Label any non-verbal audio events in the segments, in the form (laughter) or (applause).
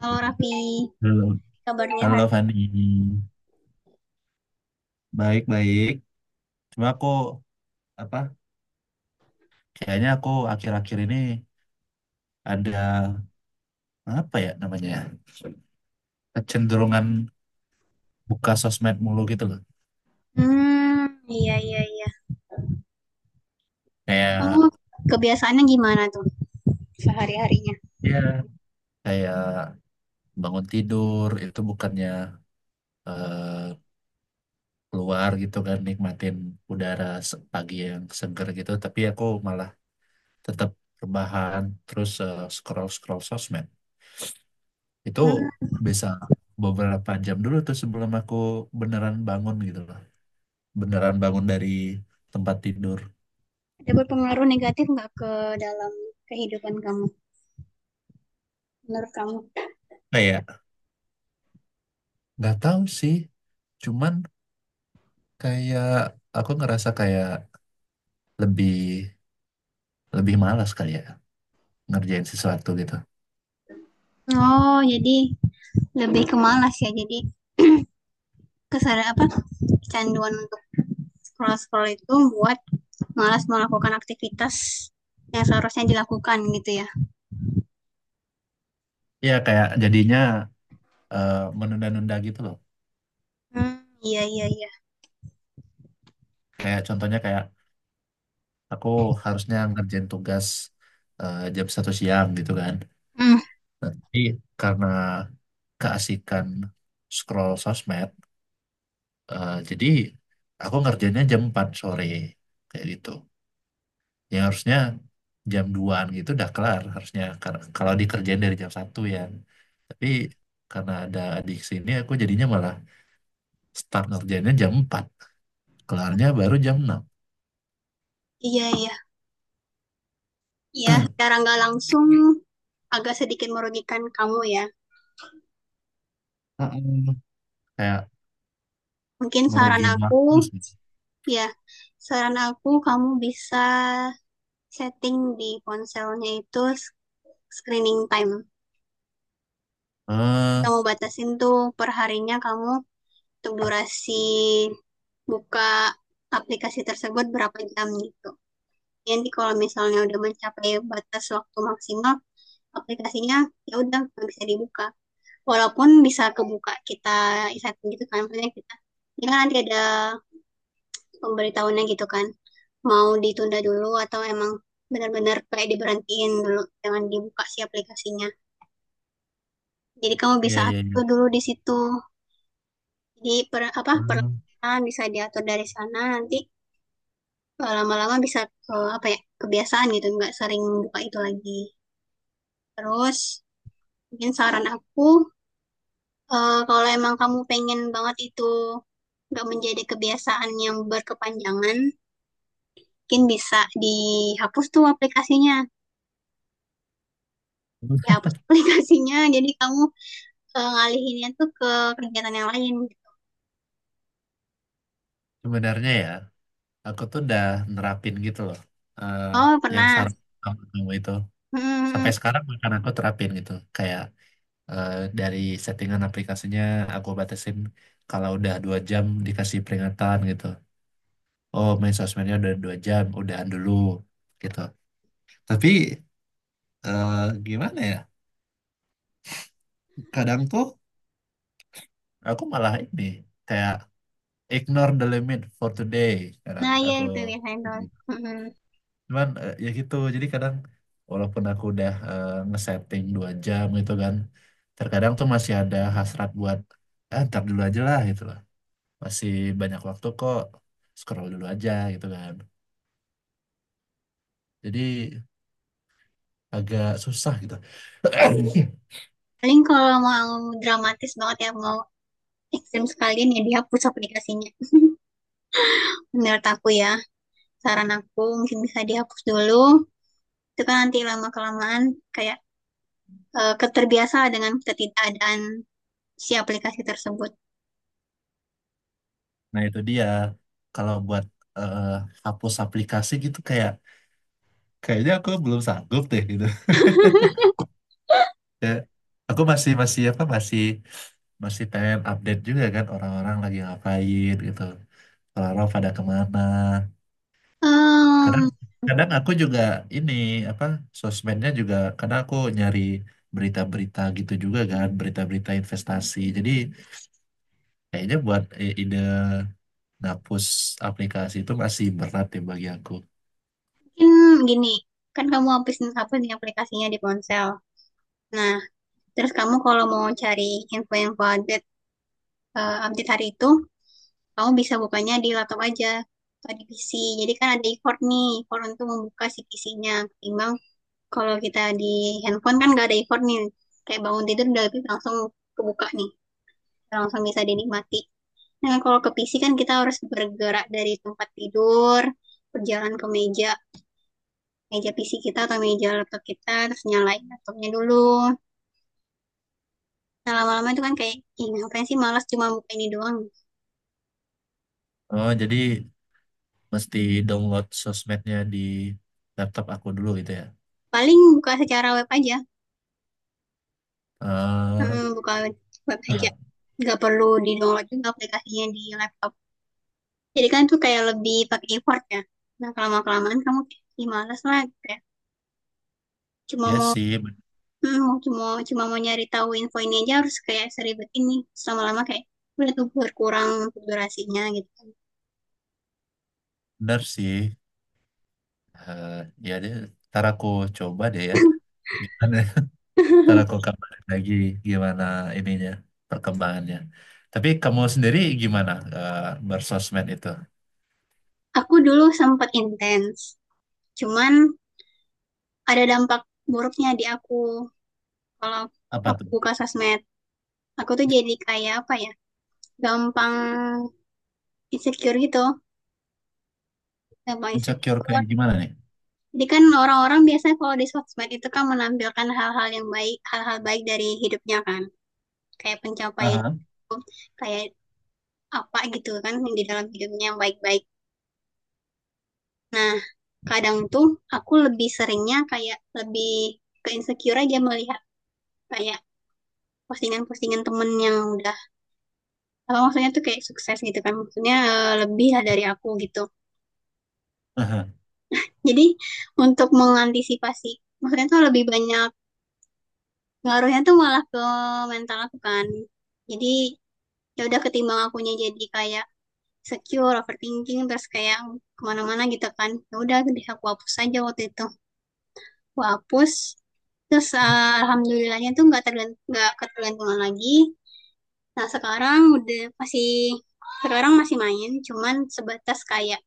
Halo Raffi, Halo, kabarnya halo hari? Fani. Baik-baik. Cuma aku apa? Kayaknya aku akhir-akhir ini ada apa ya namanya? Ya? Kecenderungan buka sosmed mulu gitu loh. Hmm. Iya, iya, iya. Kamu Kayak kebiasaannya gimana tuh sehari-harinya? ya, kayak bangun tidur itu bukannya eh, keluar gitu kan, nikmatin udara pagi yang seger gitu, tapi aku malah tetap rebahan terus, scroll-scroll sosmed. Itu Hmm, bisa beberapa jam dulu tuh sebelum aku beneran bangun gitu loh. Beneran bangun dari tempat tidur. ada berpengaruh negatif nggak ke dalam kehidupan kamu? Menurut kamu? Kayak nggak tahu sih, cuman kayak aku ngerasa kayak lebih lebih malas kali ya ngerjain sesuatu gitu. Oh, jadi lebih ke malas ya. Jadi (clears throat) kesadaran apa kecanduan untuk scroll-scroll itu buat malas melakukan aktivitas yang seharusnya dilakukan gitu ya. Iya kayak jadinya menunda-nunda gitu loh. Hmm, iya, iya, iya. Kayak contohnya kayak aku harusnya ngerjain tugas jam satu siang gitu kan. Hmm, Tapi karena keasikan scroll sosmed, jadi aku ngerjainnya jam 4 sore, kayak gitu. Yang harusnya jam duaan an gitu udah kelar harusnya. Kalau dikerjain dari jam satu ya. Tapi karena ada adik sini aku jadinya malah start ngerjainnya jam 4, kelarnya baru jam 6. iya, iya. Iya, secara nggak langsung agak sedikit merugikan kamu ya. Heeh. Kayak Mungkin ngerugiin waktu sih. ya, saran aku kamu bisa setting di ponselnya itu screening time. Eh, Kamu batasin tuh perharinya kamu untuk durasi buka aplikasi tersebut berapa jam gitu. Jadi kalau misalnya udah mencapai batas waktu maksimal, aplikasinya ya udah nggak bisa dibuka. Walaupun bisa kebuka kita setting gitu kan, maksudnya kita, ini kan nanti ada pemberitahuannya gitu kan. Mau ditunda dulu atau emang benar-benar kayak diberhentiin dulu, jangan dibuka si aplikasinya. Jadi kamu bisa iya iya iya. atur dulu di situ. Jadi Eh, perlahan bisa diatur dari sana. Nanti lama-lama bisa ke apa ya, kebiasaan gitu nggak sering buka itu lagi. Terus mungkin saran aku, kalau emang kamu pengen banget itu nggak menjadi kebiasaan yang berkepanjangan, mungkin bisa dihapus tuh aplikasinya. terus Dihapus aplikasinya jadi kamu ngalihinnya tuh ke kegiatan yang lain. sebenarnya ya aku tuh udah nerapin gitu loh. Eh, Oh, yang pernah. saran kamu itu Hmm. Hmm, hmm. sampai sekarang bahkan aku terapin gitu, kayak eh, dari settingan aplikasinya aku batasin kalau udah dua jam dikasih peringatan gitu. Oh, main sosmednya udah dua jam, udahan dulu gitu. Tapi eh, gimana ya? Kadang tuh aku malah ini kayak ignore the limit for today. Kadang Nah, ya, aku itu biasanya tuh. Hmm. Hmm. cuman, ya gitu. Jadi kadang walaupun aku udah ngesetting dua jam gitu kan, terkadang tuh masih ada hasrat buat ah, ntar dulu aja lah gitu. Masih banyak waktu kok, scroll dulu aja gitu kan. Jadi agak susah gitu. (clears throat) Paling kalau mau dramatis banget ya, mau ekstrim sekalian ya dihapus aplikasinya. Menurut aku ya, saran aku mungkin bisa dihapus dulu. Itu kan nanti lama kelamaan kayak, keterbiasa dengan ketidakadaan si aplikasi tersebut. Nah itu dia, kalau buat eh, hapus aplikasi gitu, kayak kayaknya aku belum sanggup deh gitu. (laughs) Ya, aku masih masih apa masih, masih pengen update juga kan orang-orang lagi ngapain gitu, orang-orang pada kemana. kadang Em, kadang aku juga ini, apa, sosmednya juga karena aku nyari berita-berita gitu juga kan, berita-berita investasi. Jadi kayaknya buat ide ngapus aplikasi itu masih berat ya bagi aku. Mungkin gini, kan kamu hapus nih aplikasinya di ponsel. Nah, terus kamu kalau mau cari info-info update, update hari itu, kamu bisa bukanya di laptop aja atau di PC. Jadi kan ada effort nih, effort untuk membuka si PC-nya. Ketimbang kalau kita di handphone kan nggak ada effort nih. Kayak bangun tidur udah langsung kebuka nih, langsung bisa dinikmati. Nah kalau ke PC kan kita harus bergerak dari tempat tidur, berjalan ke meja, meja PC kita atau meja laptop kita, terus nyalain laptopnya dulu. Nah, lama-lama itu kan kayak, ih ngapain sih malas cuma buka ini doang. Oh, jadi mesti download sosmednya di laptop aku dulu gitu ya. Paling buka secara web aja. eh Heeh, buka web, web aja. Nggak perlu di-download juga aplikasinya di laptop. Jadi kan tuh kayak lebih pakai effort ya. Nah, kelamaan-kelamaan kamu kayak malas lah, kayak cuma Ya mau sih, hmm, cuma mau nyari tahu info ini aja harus kayak seribet ini. Lama lama kayak udah tuh berkurang untuk durasinya gitu kan. bener sih. Eh, Ya deh, ntar aku coba deh ya gimana. Ntar (laughs) aku kabarin lagi gimana ininya, perkembangannya. Tapi kamu sendiri gimana eh, bersosmed itu? Aku dulu sempat intens, cuman ada dampak buruknya di aku. Kalau Apa aku tuh? buka sosmed, aku tuh jadi kayak apa ya, gampang insecure gitu, gampang Insecure kayak insecure. gimana nih? Jadi kan orang-orang biasanya kalau di sosmed itu kan menampilkan hal-hal yang baik, hal-hal baik dari hidupnya kan. Kayak pencapaian Aha, hidup, kayak apa gitu kan di dalam hidupnya yang baik-baik. Nah, kadang tuh aku lebih seringnya kayak lebih ke insecure aja, melihat kayak postingan-postingan temen yang udah apa maksudnya tuh kayak sukses gitu kan, maksudnya lebih lah dari aku gitu. aha. Jadi untuk mengantisipasi, maksudnya tuh lebih banyak ngaruhnya tuh malah ke mental aku kan. Jadi ya udah, ketimbang akunya jadi kayak secure overthinking terus kayak kemana-mana gitu kan, ya udah deh aku hapus aja waktu itu. Aku hapus, terus alhamdulillahnya tuh nggak nggak ketergantungan lagi. Nah, sekarang masih main cuman sebatas kayak,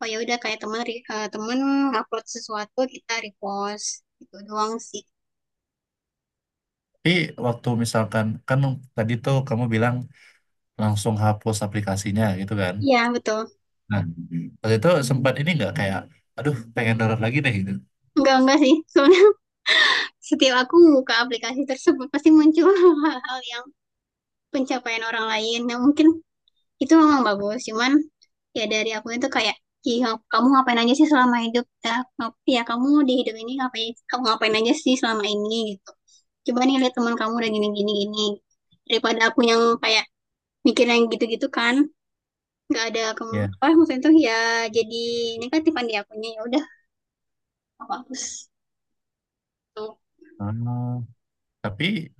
oh ya udah, kayak teman upload sesuatu kita repost gitu doang sih. Tapi waktu misalkan kan tadi tuh kamu bilang langsung hapus aplikasinya gitu kan? Iya betul. Nah, waktu itu sempat ini nggak kayak, aduh pengen download lagi deh gitu. Enggak sih. (laughs) Setiap aku membuka aplikasi tersebut pasti muncul (laughs) hal-hal yang pencapaian orang lain yang mungkin itu memang bagus, cuman ya dari aku itu kayak, "Ih, kamu ngapain aja sih selama hidup ya, ya kamu di hidup ini ngapain, kamu ngapain aja sih selama ini gitu, coba nih lihat teman kamu udah gini gini gini." Daripada aku yang kayak mikir yang gitu-gitu kan nggak ada Ya. apa maksudnya tuh ya, jadi negatifan di akunya, ya udah aku hapus tuh. Ah, tapi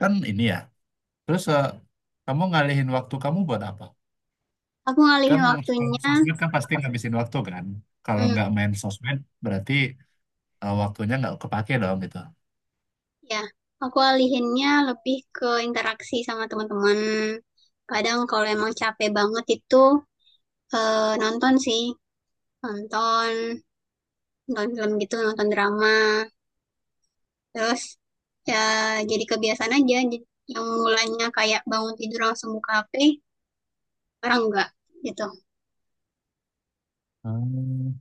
kan ini ya. Terus kamu ngalihin waktu kamu buat apa? Aku Kan ngalihin kalau waktunya. sosmed kan pasti ngabisin waktu kan. Kalau hmm, nggak main sosmed berarti waktunya nggak kepake dong gitu. Ya, aku alihinnya lebih ke interaksi sama teman-teman. Kadang kalau emang capek banget itu nonton sih, nonton, nonton film gitu, nonton drama. Terus ya jadi kebiasaan aja. Jadi yang mulanya kayak bangun tidur langsung buka HP, sekarang enggak gitu. Hmm.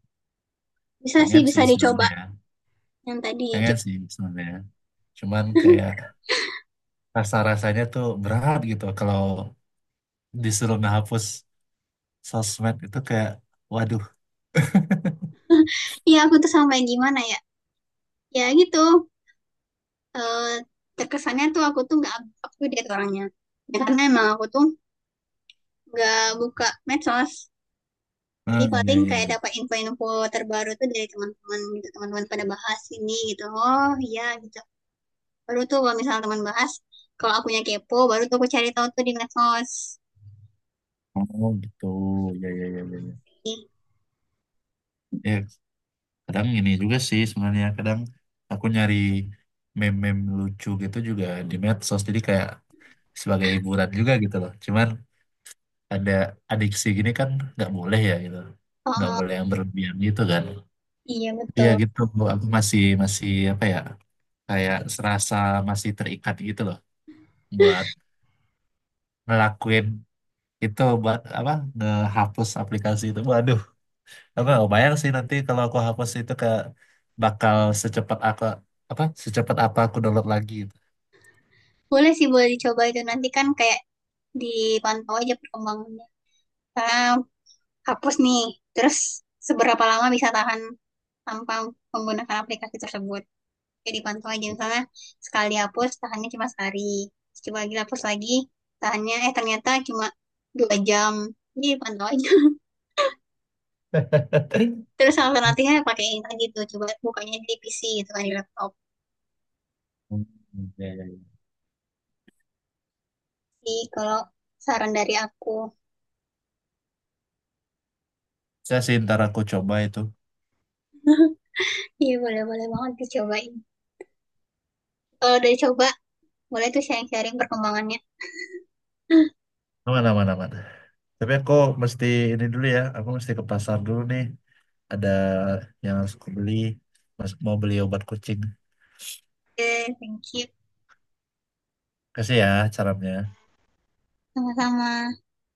Bisa sih, Pengen sih bisa dicoba sebenarnya ya. yang tadi. Pengen sih sebenarnya ya, cuman kayak rasa-rasanya tuh berat gitu kalau disuruh ngehapus sosmed itu, kayak waduh. (laughs) Iya, aku tuh sampai gimana ya? Ya gitu, eh, terkesannya tuh aku tuh nggak up to date orangnya. Ya, karena emang aku tuh nggak buka medsos. Jadi Hmm, ya paling ya kayak ya. dapat info-info terbaru tuh dari teman-teman gitu. Teman-teman pada bahas ini gitu. Oh iya gitu. Baru tuh kalau misalnya teman bahas, kalau akunya kepo, baru tuh aku cari tahu tuh di medsos. Oh gitu, ya ya ya ya ya. Iya. Ya, kadang ini juga sih sebenarnya. Kadang aku nyari meme-meme lucu gitu juga di medsos, jadi kayak sebagai hiburan juga gitu loh. Cuman ada adiksi gini kan nggak boleh ya gitu. Nggak Oh boleh yang berlebihan gitu kan. iya Tapi ya betul. gitu, aku masih masih apa ya, kayak serasa masih terikat gitu loh buat ngelakuin itu, buat apa, ngehapus aplikasi itu. Waduh, aku nggak bayang sih nanti kalau aku hapus itu ke bakal secepat aku apa, secepat apa aku download lagi gitu. Boleh sih, boleh dicoba itu nanti kan kayak dipantau aja perkembangannya. Karena hapus nih, terus seberapa lama bisa tahan tanpa menggunakan aplikasi tersebut. Kayak dipantau aja, misalnya sekali dihapus tahannya cuma sehari, coba lagi hapus lagi, tahannya ternyata cuma 2 jam. Jadi dipantau aja. (laughs) (laughs) Terus alternatifnya pakai ini tadi, tuh coba bukanya di PC gitu kan di laptop. Hmm, ya, ya, ya. Jadi kalau saran dari aku. Saya sih ntar aku coba itu. (laughs) Iya, boleh, boleh banget dicobain. Kalau udah coba, boleh tuh sharing-sharing perkembangannya. Aman, aman, aman. Tapi aku mesti ini dulu ya, aku mesti ke pasar dulu nih. Ada yang harus aku beli. Mau beli obat kucing. Oke, thank you. Kasih ya caranya. Sama-sama.